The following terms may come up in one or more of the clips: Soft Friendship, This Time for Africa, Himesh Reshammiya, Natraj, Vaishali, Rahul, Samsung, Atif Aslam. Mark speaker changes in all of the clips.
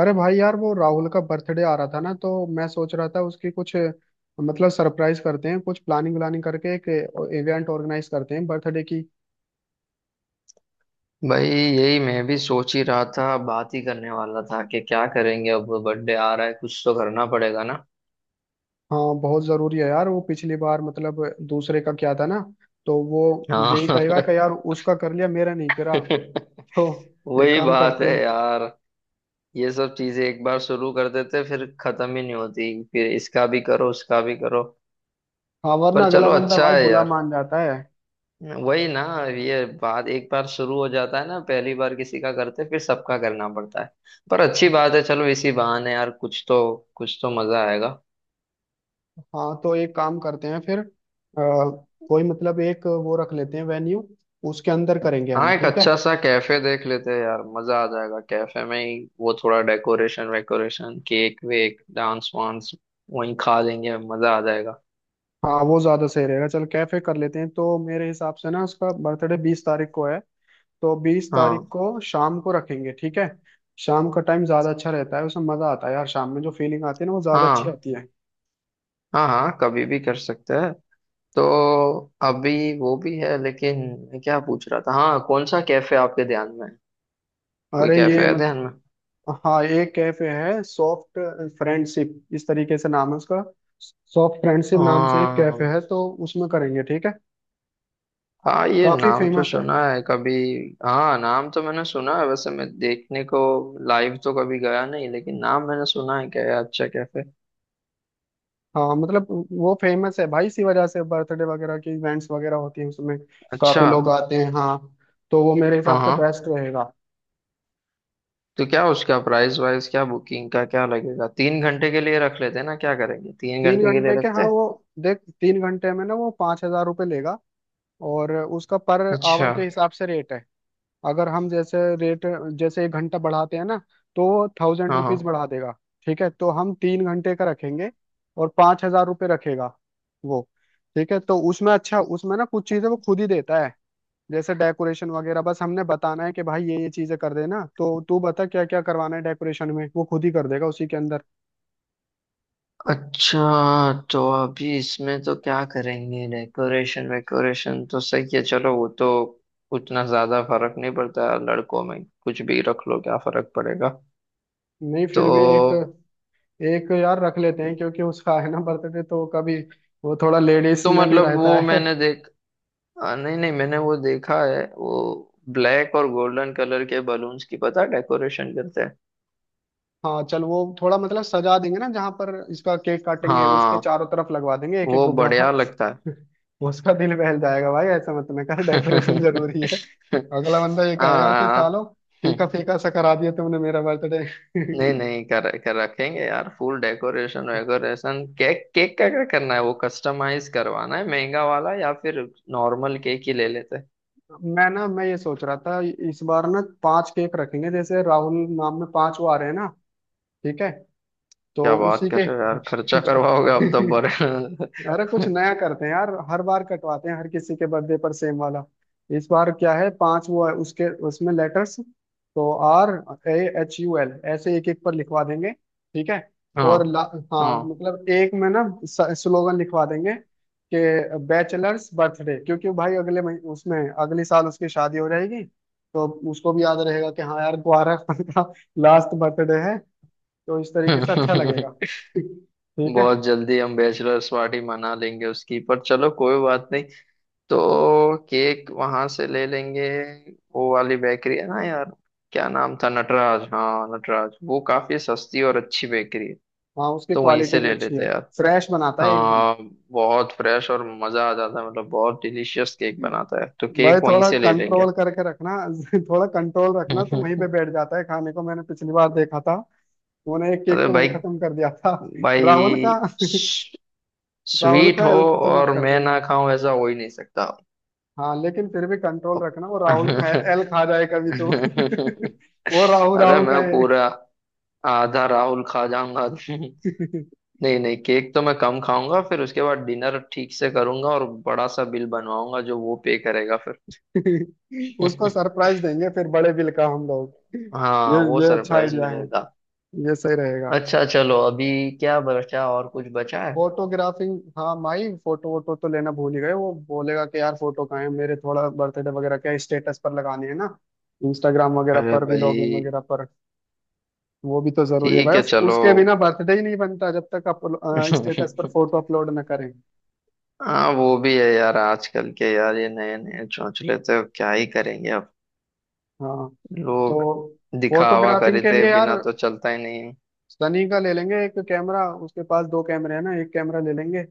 Speaker 1: अरे भाई यार वो राहुल का बर्थडे आ रहा था ना तो मैं सोच रहा था उसकी कुछ मतलब सरप्राइज करते हैं कुछ प्लानिंग व्लानिंग करके एक इवेंट ऑर्गेनाइज करते हैं बर्थडे की।
Speaker 2: भाई यही मैं भी सोच ही रहा था बात ही करने वाला था कि क्या करेंगे अब बर्थडे आ रहा है कुछ तो करना पड़ेगा ना।
Speaker 1: हाँ बहुत जरूरी है यार वो पिछली बार मतलब दूसरे का क्या था ना तो वो यही कहेगा कि
Speaker 2: हाँ।
Speaker 1: यार उसका कर लिया मेरा नहीं करा। तो एक
Speaker 2: वही
Speaker 1: काम
Speaker 2: बात
Speaker 1: करते
Speaker 2: है
Speaker 1: हैं।
Speaker 2: यार। ये सब चीजें एक बार शुरू कर देते फिर खत्म ही नहीं होती फिर इसका भी करो उसका भी करो।
Speaker 1: हाँ
Speaker 2: पर
Speaker 1: वरना अगला
Speaker 2: चलो
Speaker 1: बंदा
Speaker 2: अच्छा
Speaker 1: भाई
Speaker 2: है
Speaker 1: बुला
Speaker 2: यार।
Speaker 1: मान जाता है।
Speaker 2: वही ना। ये बात एक बार शुरू हो जाता है ना पहली बार किसी का करते फिर सबका करना पड़ता है। पर अच्छी बात है चलो इसी बहाने यार कुछ तो मजा आएगा।
Speaker 1: हाँ तो एक काम करते हैं फिर कोई मतलब एक वो रख लेते हैं वेन्यू। उसके अंदर करेंगे
Speaker 2: हाँ
Speaker 1: हम,
Speaker 2: एक
Speaker 1: ठीक है।
Speaker 2: अच्छा सा कैफे देख लेते हैं यार मजा आ जाएगा कैफे में ही वो थोड़ा डेकोरेशन वेकोरेशन केक वेक डांस वांस वहीं खा लेंगे मजा आ जाएगा।
Speaker 1: हाँ वो ज्यादा सही रहेगा, चल कैफे कर लेते हैं। तो मेरे हिसाब से ना उसका बर्थडे 20 तारीख को है। तो 20 तारीख
Speaker 2: हाँ
Speaker 1: को शाम को रखेंगे, ठीक है। शाम का टाइम ज्यादा अच्छा रहता है, उसमें मजा आता है यार। शाम में जो फीलिंग आती है ना, वो ज्यादा अच्छी
Speaker 2: हाँ
Speaker 1: आती है।
Speaker 2: हाँ हाँ कभी भी कर सकते हैं। तो अभी वो भी है लेकिन मैं क्या पूछ रहा था हाँ कौन सा कैफे आपके ध्यान में है। कोई
Speaker 1: अरे ये
Speaker 2: कैफे है
Speaker 1: मत।
Speaker 2: ध्यान में।
Speaker 1: हाँ एक कैफे है, सॉफ्ट फ्रेंडशिप इस तरीके से नाम है उसका। सॉफ्ट फ्रेंडशिप नाम से एक कैफे
Speaker 2: हाँ
Speaker 1: है, तो उसमें करेंगे, ठीक है।
Speaker 2: हाँ ये
Speaker 1: काफी
Speaker 2: नाम तो
Speaker 1: फेमस है।
Speaker 2: सुना है कभी। हाँ नाम तो मैंने सुना है वैसे मैं देखने को लाइव तो कभी गया नहीं लेकिन नाम मैंने सुना है क्या ये अच्छा कैफे।
Speaker 1: हाँ मतलब वो फेमस है भाई, इसी वजह से बर्थडे वगैरह के इवेंट्स वगैरह होती हैं उसमें,
Speaker 2: अच्छा।
Speaker 1: काफी लोग आते हैं हाँ। तो वो मेरे हिसाब
Speaker 2: हाँ
Speaker 1: से
Speaker 2: हाँ।
Speaker 1: बेस्ट रहेगा।
Speaker 2: तो क्या उसका प्राइस वाइस क्या बुकिंग का क्या लगेगा 3 घंटे के लिए रख लेते हैं ना क्या करेंगे तीन
Speaker 1: तीन
Speaker 2: घंटे के लिए
Speaker 1: घंटे के, हाँ
Speaker 2: रखते हैं।
Speaker 1: वो देख 3 घंटे में ना वो 5,000 रुपये लेगा। और उसका पर
Speaker 2: अच्छा।
Speaker 1: आवर के हिसाब से रेट है। अगर हम जैसे रेट, जैसे 1 घंटा बढ़ाते हैं ना, तो वो थाउजेंड
Speaker 2: हाँ हाँ।
Speaker 1: रुपीज बढ़ा देगा। ठीक है, तो हम 3 घंटे का रखेंगे और 5,000 रुपये रखेगा वो। ठीक है, तो उसमें अच्छा, उसमें ना कुछ चीजें वो खुद ही देता है जैसे डेकोरेशन वगैरह। बस हमने बताना है कि भाई ये चीजें कर देना। तो तू बता क्या क्या करवाना है डेकोरेशन में, वो खुद ही कर देगा उसी के अंदर।
Speaker 2: अच्छा तो अभी इसमें तो क्या करेंगे डेकोरेशन वेकोरेशन तो सही है चलो वो तो उतना ज्यादा फर्क नहीं पड़ता लड़कों में कुछ भी रख लो क्या फर्क पड़ेगा।
Speaker 1: नहीं फिर भी एक
Speaker 2: तो
Speaker 1: एक यार रख लेते हैं, क्योंकि उसका है ना बर्थडे, तो कभी वो थोड़ा लेडीज
Speaker 2: तो
Speaker 1: में भी
Speaker 2: मतलब
Speaker 1: रहता
Speaker 2: वो
Speaker 1: है।
Speaker 2: मैंने देख नहीं नहीं मैंने वो देखा है वो ब्लैक और गोल्डन कलर के बलून्स की पता डेकोरेशन करते हैं।
Speaker 1: हाँ चल वो थोड़ा मतलब सजा देंगे ना, जहाँ पर इसका केक काटेंगे उसके
Speaker 2: हाँ
Speaker 1: चारों तरफ लगवा देंगे एक एक
Speaker 2: वो
Speaker 1: गुब्बारा।
Speaker 2: बढ़िया लगता है।
Speaker 1: उसका दिल बहल जाएगा भाई, ऐसा मत में कर, डेकोरेशन जरूरी है। अगला बंदा ये कहेगा कि
Speaker 2: हाँ
Speaker 1: सालो, फीका फीका सा करा दिया तुमने मेरा बर्थडे।
Speaker 2: नहीं नहीं कर रखेंगे यार फुल डेकोरेशन वेकोरेशन केक केक का क्या करना है वो कस्टमाइज करवाना है महंगा वाला या फिर नॉर्मल केक ही ले लेते हैं।
Speaker 1: मैं ये सोच रहा था, इस बार ना पांच केक रखेंगे। जैसे राहुल नाम में पांच वो आ रहे हैं ना, ठीक है। तो
Speaker 2: क्या बात
Speaker 1: उसी
Speaker 2: कर
Speaker 1: के।
Speaker 2: रहे हो यार खर्चा
Speaker 1: जो
Speaker 2: करवाओगे आप तो
Speaker 1: अरे कुछ
Speaker 2: बड़े।
Speaker 1: नया करते हैं यार, हर बार कटवाते हैं हर किसी के बर्थडे पर सेम वाला। इस बार क्या है, पांच वो है उसके, उसमें लेटर्स तो RAHUL ऐसे एक एक पर लिखवा देंगे, ठीक है।
Speaker 2: हाँ
Speaker 1: और हाँ
Speaker 2: हाँ
Speaker 1: मतलब एक में ना स्लोगन लिखवा देंगे कि बैचलर्स बर्थडे, क्योंकि भाई अगले महीने, उसमें अगले साल उसकी शादी हो जाएगी। तो उसको भी याद रहेगा कि हाँ यार ग्वारा का लास्ट बर्थडे है। तो इस तरीके से अच्छा लगेगा, ठीक है।
Speaker 2: बहुत जल्दी हम बैचलर्स पार्टी मना लेंगे उसकी पर चलो कोई बात नहीं। तो केक वहां से ले लेंगे। वो वाली बेकरी है ना यार। क्या नाम था नटराज हाँ नटराज वो काफी सस्ती और अच्छी बेकरी है।
Speaker 1: हाँ उसकी
Speaker 2: तो वहीं
Speaker 1: क्वालिटी
Speaker 2: से
Speaker 1: भी
Speaker 2: ले
Speaker 1: अच्छी
Speaker 2: लेते
Speaker 1: है।
Speaker 2: हैं यार।
Speaker 1: फ्रेश बनाता है एकदम।
Speaker 2: हाँ बहुत फ्रेश और मजा आ जाता है मतलब बहुत डिलीशियस केक
Speaker 1: हम्म।
Speaker 2: बनाता है तो
Speaker 1: भाई
Speaker 2: केक वहीं
Speaker 1: थोड़ा
Speaker 2: से ले लेंगे।
Speaker 1: कंट्रोल करके रखना। थोड़ा कंट्रोल रखना, तो वहीं पे बैठ जाता है खाने को, मैंने पिछली बार देखा था। उन्होंने एक केक
Speaker 2: अरे
Speaker 1: तो वहीं
Speaker 2: भाई
Speaker 1: खत्म कर दिया था राहुल का।
Speaker 2: भाई
Speaker 1: राहुल
Speaker 2: स्वीट
Speaker 1: का
Speaker 2: हो।
Speaker 1: एल खत्म मत
Speaker 2: और
Speaker 1: कर
Speaker 2: मैं
Speaker 1: देना।
Speaker 2: ना खाऊं ऐसा हो ही नहीं सकता।
Speaker 1: हाँ लेकिन फिर भी कंट्रोल
Speaker 2: अब
Speaker 1: रखना, वो राहुल का एल खा जाए कभी तो। वो राहु
Speaker 2: अरे
Speaker 1: राहु का
Speaker 2: मैं
Speaker 1: है।
Speaker 2: पूरा आधा राहुल खा जाऊंगा नहीं नहीं केक तो मैं कम खाऊंगा फिर उसके बाद डिनर ठीक से करूंगा और बड़ा सा बिल बनवाऊंगा जो वो पे करेगा फिर।
Speaker 1: उसको सरप्राइज देंगे फिर बड़े बिल का हम लोग। ये
Speaker 2: हाँ वो
Speaker 1: ये अच्छा
Speaker 2: सरप्राइज
Speaker 1: आइडिया है।
Speaker 2: मिलेगा।
Speaker 1: ये सही रहेगा।
Speaker 2: अच्छा चलो अभी क्या बचा और कुछ बचा है।
Speaker 1: फोटोग्राफी। हाँ माई, फोटो वोटो तो लेना भूल ही गए। वो बोलेगा कि यार फोटो कहाँ है मेरे, थोड़ा बर्थडे वगैरह क्या स्टेटस पर लगाने हैं ना, इंस्टाग्राम वगैरह
Speaker 2: अरे
Speaker 1: पर भी,
Speaker 2: भाई।
Speaker 1: लॉगिन वगैरह पर। वो भी तो जरूरी है
Speaker 2: ठीक
Speaker 1: भाई,
Speaker 2: है चलो।
Speaker 1: उसके बिना बर्थडे ही नहीं बनता जब तक आप स्टेटस पर फोटो अपलोड ना करें।
Speaker 2: हाँ वो भी है यार आजकल के यार ये नए नए चौंचले तो क्या ही करेंगे अब
Speaker 1: हाँ तो
Speaker 2: लोग दिखावा
Speaker 1: फोटोग्राफिंग
Speaker 2: करे
Speaker 1: के
Speaker 2: थे
Speaker 1: लिए यार,
Speaker 2: बिना तो चलता ही नहीं है।
Speaker 1: सनी का ले लेंगे एक कैमरा, उसके पास दो कैमरे हैं ना, एक कैमरा ले लेंगे।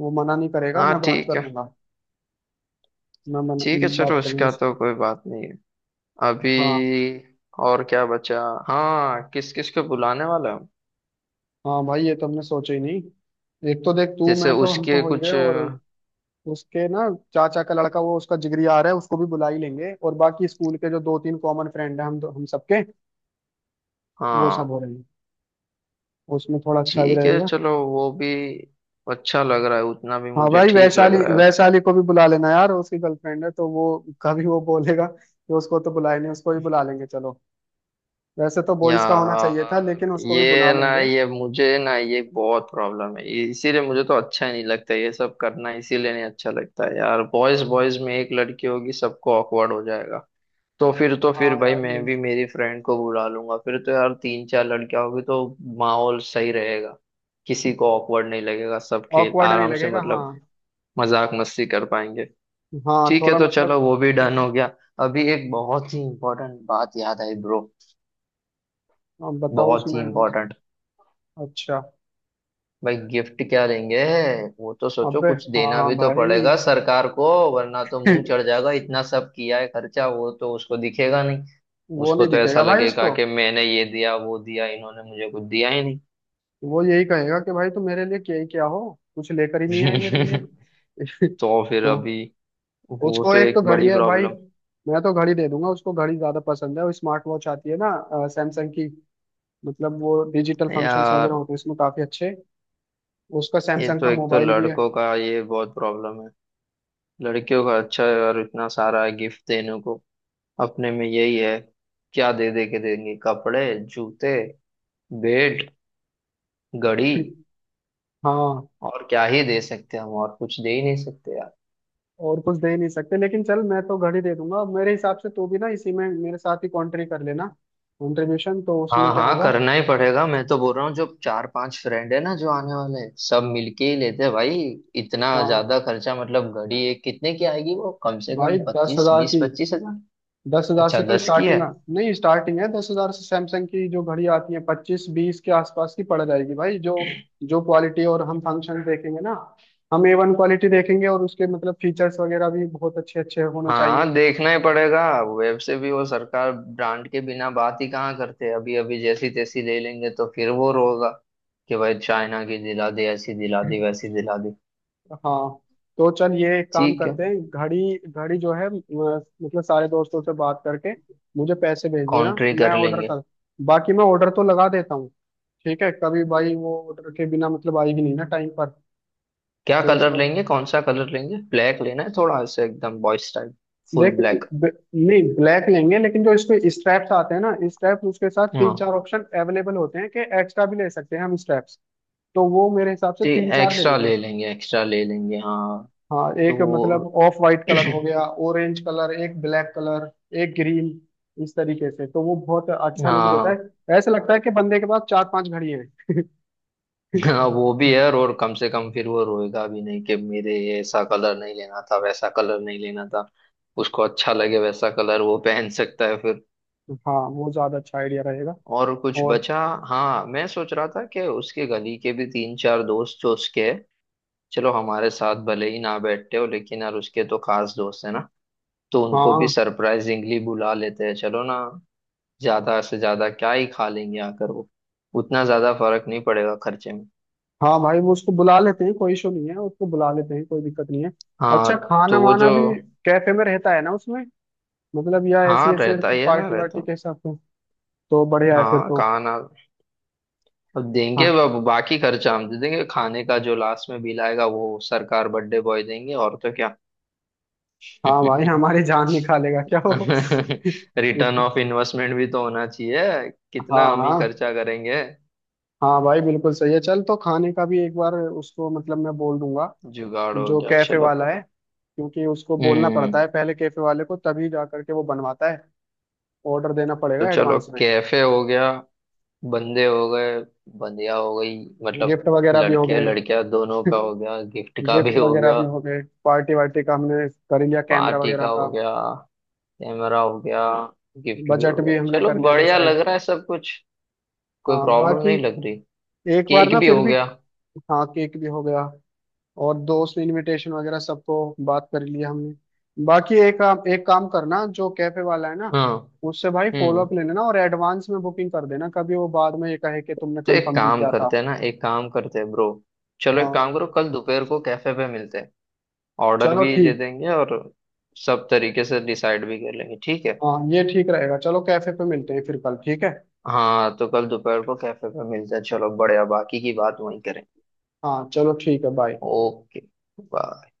Speaker 1: वो मना नहीं करेगा,
Speaker 2: हाँ।
Speaker 1: मैं बात कर लूंगा। मैं
Speaker 2: ठीक है चलो
Speaker 1: बात करूंगा
Speaker 2: उसका तो
Speaker 1: उससे।
Speaker 2: कोई बात नहीं है। अभी
Speaker 1: हाँ
Speaker 2: और क्या बचा। हाँ किस किस को बुलाने वाला है।
Speaker 1: हाँ, भाई ये तो हमने सोचा ही नहीं। एक तो देख तू,
Speaker 2: जैसे
Speaker 1: मैं तो हम तो
Speaker 2: उसके
Speaker 1: हो ही गए,
Speaker 2: कुछ।
Speaker 1: और उसके ना चाचा का लड़का, वो उसका जिगरी आ रहा है, उसको भी बुला ही लेंगे। और बाकी स्कूल के जो दो तीन कॉमन फ्रेंड हैं, हम सबके वो सब
Speaker 2: हाँ
Speaker 1: हो रहे हैं। उसमें थोड़ा अच्छा भी
Speaker 2: ठीक है
Speaker 1: रहेगा।
Speaker 2: चलो वो भी अच्छा लग रहा है उतना भी
Speaker 1: हाँ
Speaker 2: मुझे
Speaker 1: भाई,
Speaker 2: ठीक लग
Speaker 1: वैशाली,
Speaker 2: रहा है।
Speaker 1: वैशाली को भी बुला लेना यार, उसकी गर्लफ्रेंड है तो वो, कभी वो बोलेगा तो उसको तो बुलाए नहीं, उसको ही बुला लेंगे चलो। वैसे तो बॉयज का होना चाहिए था,
Speaker 2: यार
Speaker 1: लेकिन उसको भी बुला
Speaker 2: ये ना
Speaker 1: लेंगे।
Speaker 2: ये मुझे ना ये बहुत प्रॉब्लम है इसीलिए मुझे तो अच्छा ही नहीं लगता ये सब करना इसीलिए नहीं अच्छा लगता है यार बॉयज बॉयज में एक लड़की होगी सबको ऑकवर्ड हो जाएगा। तो फिर
Speaker 1: हाँ
Speaker 2: भाई
Speaker 1: यार
Speaker 2: मैं
Speaker 1: ये,
Speaker 2: भी मेरी फ्रेंड को बुला लूंगा फिर तो यार तीन चार लड़कियां होगी तो माहौल सही रहेगा। किसी को ऑकवर्ड नहीं लगेगा सब खेल
Speaker 1: ऑकवर्ड नहीं
Speaker 2: आराम से
Speaker 1: लगेगा हाँ।
Speaker 2: मतलब मजाक मस्ती कर पाएंगे।
Speaker 1: हाँ
Speaker 2: ठीक है
Speaker 1: थोड़ा
Speaker 2: तो चलो
Speaker 1: मतलब।
Speaker 2: वो भी डन हो गया। अभी एक बहुत ही इम्पोर्टेंट बात याद आई ब्रो।
Speaker 1: अब बताओ उसमें।
Speaker 2: बहुत ही इम्पोर्टेंट।
Speaker 1: अच्छा।
Speaker 2: भाई गिफ्ट क्या देंगे। वो तो सोचो
Speaker 1: अबे।
Speaker 2: कुछ देना
Speaker 1: हाँ
Speaker 2: भी तो
Speaker 1: भाई।
Speaker 2: पड़ेगा सरकार को। वरना तो मुंह चढ़ जाएगा इतना सब किया है खर्चा वो तो उसको दिखेगा नहीं।
Speaker 1: वो
Speaker 2: उसको
Speaker 1: नहीं
Speaker 2: तो ऐसा
Speaker 1: दिखेगा भाई
Speaker 2: लगेगा
Speaker 1: उसको।
Speaker 2: कि मैंने ये दिया वो दिया इन्होंने मुझे कुछ दिया ही नहीं।
Speaker 1: वो यही कहेगा कि भाई तुम मेरे लिए क्या ही क्या हो, कुछ लेकर ही नहीं आई मेरे लिए।
Speaker 2: तो फिर
Speaker 1: तो
Speaker 2: अभी वो
Speaker 1: उसको
Speaker 2: तो
Speaker 1: एक तो
Speaker 2: एक
Speaker 1: घड़ी
Speaker 2: बड़ी
Speaker 1: है भाई,
Speaker 2: प्रॉब्लम।
Speaker 1: मैं तो घड़ी दे दूंगा। उसको घड़ी ज्यादा पसंद है, वो स्मार्ट वॉच आती है ना सैमसंग की। मतलब वो डिजिटल फंक्शंस वगैरह
Speaker 2: यार
Speaker 1: होते हैं उसमें काफी अच्छे। उसका
Speaker 2: ये
Speaker 1: सैमसंग
Speaker 2: तो
Speaker 1: का
Speaker 2: एक तो
Speaker 1: मोबाइल भी है।
Speaker 2: लड़कों का ये बहुत प्रॉब्लम है। लड़कियों का अच्छा है यार इतना सारा है गिफ्ट देने को। अपने में यही है। क्या दे दे के देंगे कपड़े जूते बेड गड़ी
Speaker 1: हाँ
Speaker 2: और क्या ही दे सकते हैं हम और कुछ दे ही नहीं सकते यार।
Speaker 1: और कुछ दे नहीं सकते, लेकिन चल मैं तो घड़ी दे दूंगा। मेरे हिसाब से तू भी ना इसी में मेरे साथ ही कॉन्ट्री कर लेना। कंट्रीब्यूशन तो उसमें
Speaker 2: हाँ
Speaker 1: क्या
Speaker 2: हाँ
Speaker 1: होगा।
Speaker 2: करना ही पड़ेगा मैं तो बोल रहा हूँ जो चार पांच फ्रेंड है ना जो आने वाले हैं सब मिलके ही लेते हैं भाई। इतना
Speaker 1: हाँ
Speaker 2: ज्यादा खर्चा मतलब घड़ी एक कितने की आएगी वो कम से कम
Speaker 1: भाई, दस
Speaker 2: 25
Speaker 1: हजार
Speaker 2: 20
Speaker 1: की,
Speaker 2: 25,000।
Speaker 1: 10,000
Speaker 2: अच्छा
Speaker 1: से तो
Speaker 2: 10 की है।
Speaker 1: स्टार्टिंग, नहीं स्टार्टिंग है 10,000 से। सैमसंग की जो घड़ी आती है 25-20 के आसपास की पड़ जाएगी भाई, जो जो क्वालिटी और हम फंक्शन देखेंगे ना, हम A1 क्वालिटी देखेंगे, और उसके मतलब फीचर्स वगैरह भी बहुत अच्छे अच्छे होने चाहिए।
Speaker 2: हाँ देखना ही पड़ेगा। वेब से भी वो सरकार ब्रांड के बिना बात ही कहाँ करते हैं अभी अभी जैसी तैसी ले लेंगे तो फिर वो रोगा कि भाई चाइना की दिला दे ऐसी दिला दी वैसी दिला दी।
Speaker 1: हाँ तो चल, ये एक काम
Speaker 2: ठीक है
Speaker 1: करते हैं। घड़ी घड़ी जो है, मतलब सारे दोस्तों से बात करके मुझे पैसे भेज देना,
Speaker 2: कॉन्ट्री
Speaker 1: मैं
Speaker 2: कर
Speaker 1: ऑर्डर
Speaker 2: लेंगे।
Speaker 1: कर, बाकी मैं ऑर्डर तो लगा देता हूँ, ठीक है। कभी भाई वो ऑर्डर के बिना मतलब आएगी नहीं ना टाइम पर।
Speaker 2: क्या
Speaker 1: तो इस
Speaker 2: कलर
Speaker 1: बार
Speaker 2: लेंगे कौन सा कलर लेंगे ब्लैक लेना है थोड़ा से एकदम बॉयज टाइप फुल
Speaker 1: देख,
Speaker 2: ब्लैक।
Speaker 1: ब, नहीं ब्लैक लेंगे, लेकिन जो इसके स्ट्रैप्स आते हैं ना, स्ट्रैप्स उसके साथ
Speaker 2: हाँ
Speaker 1: तीन चार ऑप्शन अवेलेबल होते हैं कि एक्स्ट्रा भी ले सकते हैं हम स्ट्रैप्स। तो वो मेरे हिसाब से
Speaker 2: जी
Speaker 1: तीन चार ले लेंगे।
Speaker 2: एक्स्ट्रा ले लेंगे हाँ।
Speaker 1: हाँ
Speaker 2: तो
Speaker 1: एक
Speaker 2: वो
Speaker 1: मतलब ऑफ वाइट कलर हो गया, ऑरेंज कलर, एक ब्लैक कलर, एक ग्रीन। इस तरीके से तो वो बहुत अच्छा लुक देता
Speaker 2: हाँ
Speaker 1: है, ऐसा लगता है कि बंदे के पास चार पांच घड़ी हैं।
Speaker 2: हाँ वो भी है और कम से कम फिर वो रोएगा भी नहीं कि मेरे ये ऐसा कलर नहीं लेना था वैसा कलर नहीं लेना था। उसको अच्छा लगे वैसा कलर वो पहन सकता है फिर।
Speaker 1: हाँ वो ज्यादा अच्छा आइडिया रहेगा।
Speaker 2: और कुछ
Speaker 1: और।
Speaker 2: बचा। हाँ मैं सोच रहा था कि उसके गली के भी तीन चार दोस्त जो उसके हैं, चलो हमारे साथ भले ही ना बैठते हो लेकिन यार उसके तो खास दोस्त है ना। तो उनको भी
Speaker 1: हाँ
Speaker 2: सरप्राइजिंगली बुला लेते हैं चलो ना। ज्यादा से ज्यादा क्या ही खा लेंगे आकर वो उतना ज्यादा फर्क नहीं पड़ेगा खर्चे में।
Speaker 1: हाँ भाई वो, उसको बुला लेते हैं, कोई इशू नहीं है, उसको बुला लेते हैं, कोई दिक्कत नहीं है। अच्छा
Speaker 2: हाँ
Speaker 1: खाना
Speaker 2: तो वो
Speaker 1: वाना
Speaker 2: जो।
Speaker 1: भी कैफे में रहता है ना उसमें, मतलब या ऐसी
Speaker 2: हाँ
Speaker 1: ऐसे
Speaker 2: रहता ही है ना
Speaker 1: पार्टी वार्टी
Speaker 2: रहता।
Speaker 1: के हिसाब से, तो बढ़िया है फिर
Speaker 2: हाँ
Speaker 1: तो।
Speaker 2: खाना अब देंगे
Speaker 1: हाँ
Speaker 2: अब बाकी खर्चा हम दे देंगे खाने का जो लास्ट में बिल आएगा वो सरकार बर्थडे बॉय देंगे और तो क्या।
Speaker 1: हाँ भाई हमारी जान निकालेगा क्या हो।
Speaker 2: रिटर्न ऑफ इन्वेस्टमेंट भी तो होना चाहिए
Speaker 1: हाँ
Speaker 2: कितना हम ही
Speaker 1: हाँ,
Speaker 2: खर्चा करेंगे।
Speaker 1: हाँ भाई बिल्कुल सही है। चल तो खाने का भी एक बार उसको मतलब मैं बोल दूंगा,
Speaker 2: जुगाड़ हो
Speaker 1: जो
Speaker 2: गया
Speaker 1: कैफे
Speaker 2: चलो।
Speaker 1: वाला है, क्योंकि उसको बोलना पड़ता
Speaker 2: हम्म।
Speaker 1: है पहले कैफे वाले को, तभी जा करके वो बनवाता है। ऑर्डर देना
Speaker 2: तो
Speaker 1: पड़ेगा
Speaker 2: चलो
Speaker 1: एडवांस में।
Speaker 2: कैफे हो गया। बंदे हो गए। बंदिया हो गई मतलब
Speaker 1: गिफ्ट वगैरह भी हो
Speaker 2: लड़के
Speaker 1: गए।
Speaker 2: लड़कियां दोनों का हो गया गिफ्ट का
Speaker 1: गिफ्ट
Speaker 2: भी हो
Speaker 1: वगैरह
Speaker 2: गया।
Speaker 1: भी हो गए, पार्टी वार्टी का हमने कर लिया, कैमरा
Speaker 2: पार्टी
Speaker 1: वगैरह
Speaker 2: का
Speaker 1: का,
Speaker 2: हो गया। कैमरा हो गया। गिफ्ट भी हो
Speaker 1: बजट भी
Speaker 2: गया
Speaker 1: हमने
Speaker 2: चलो
Speaker 1: कर लिया
Speaker 2: बढ़िया
Speaker 1: डिसाइड।
Speaker 2: लग रहा है सब कुछ। कोई
Speaker 1: हाँ
Speaker 2: प्रॉब्लम
Speaker 1: बाकी
Speaker 2: नहीं लग रही।
Speaker 1: एक बार ना
Speaker 2: केक भी
Speaker 1: फिर
Speaker 2: हो
Speaker 1: भी।
Speaker 2: गया।
Speaker 1: हाँ केक भी हो गया, और दोस्त इनविटेशन वगैरह सबको बात कर लिया हमने। बाकी एक काम, एक काम करना, जो कैफे वाला है ना,
Speaker 2: हाँ
Speaker 1: उससे भाई फॉलो अप
Speaker 2: हम्म।
Speaker 1: ले लेना और एडवांस में बुकिंग कर देना। कभी वो बाद में ये कहे कि तुमने
Speaker 2: तो एक
Speaker 1: कंफर्म नहीं
Speaker 2: काम
Speaker 1: किया था।
Speaker 2: करते हैं ना एक काम करते हैं ब्रो। चलो एक
Speaker 1: हाँ
Speaker 2: काम करो कल दोपहर को कैफे पे मिलते हैं। ऑर्डर
Speaker 1: चलो
Speaker 2: भी दे
Speaker 1: ठीक।
Speaker 2: देंगे और सब तरीके से डिसाइड भी कर लेंगे ठीक है।
Speaker 1: हाँ ये ठीक रहेगा, चलो कैफे पे मिलते हैं फिर कल, ठीक है।
Speaker 2: हाँ तो कल दोपहर को कैफे पे मिलते हैं चलो बढ़िया बाकी की बात वहीं करें।
Speaker 1: हाँ चलो ठीक है, बाय।
Speaker 2: Okay bye.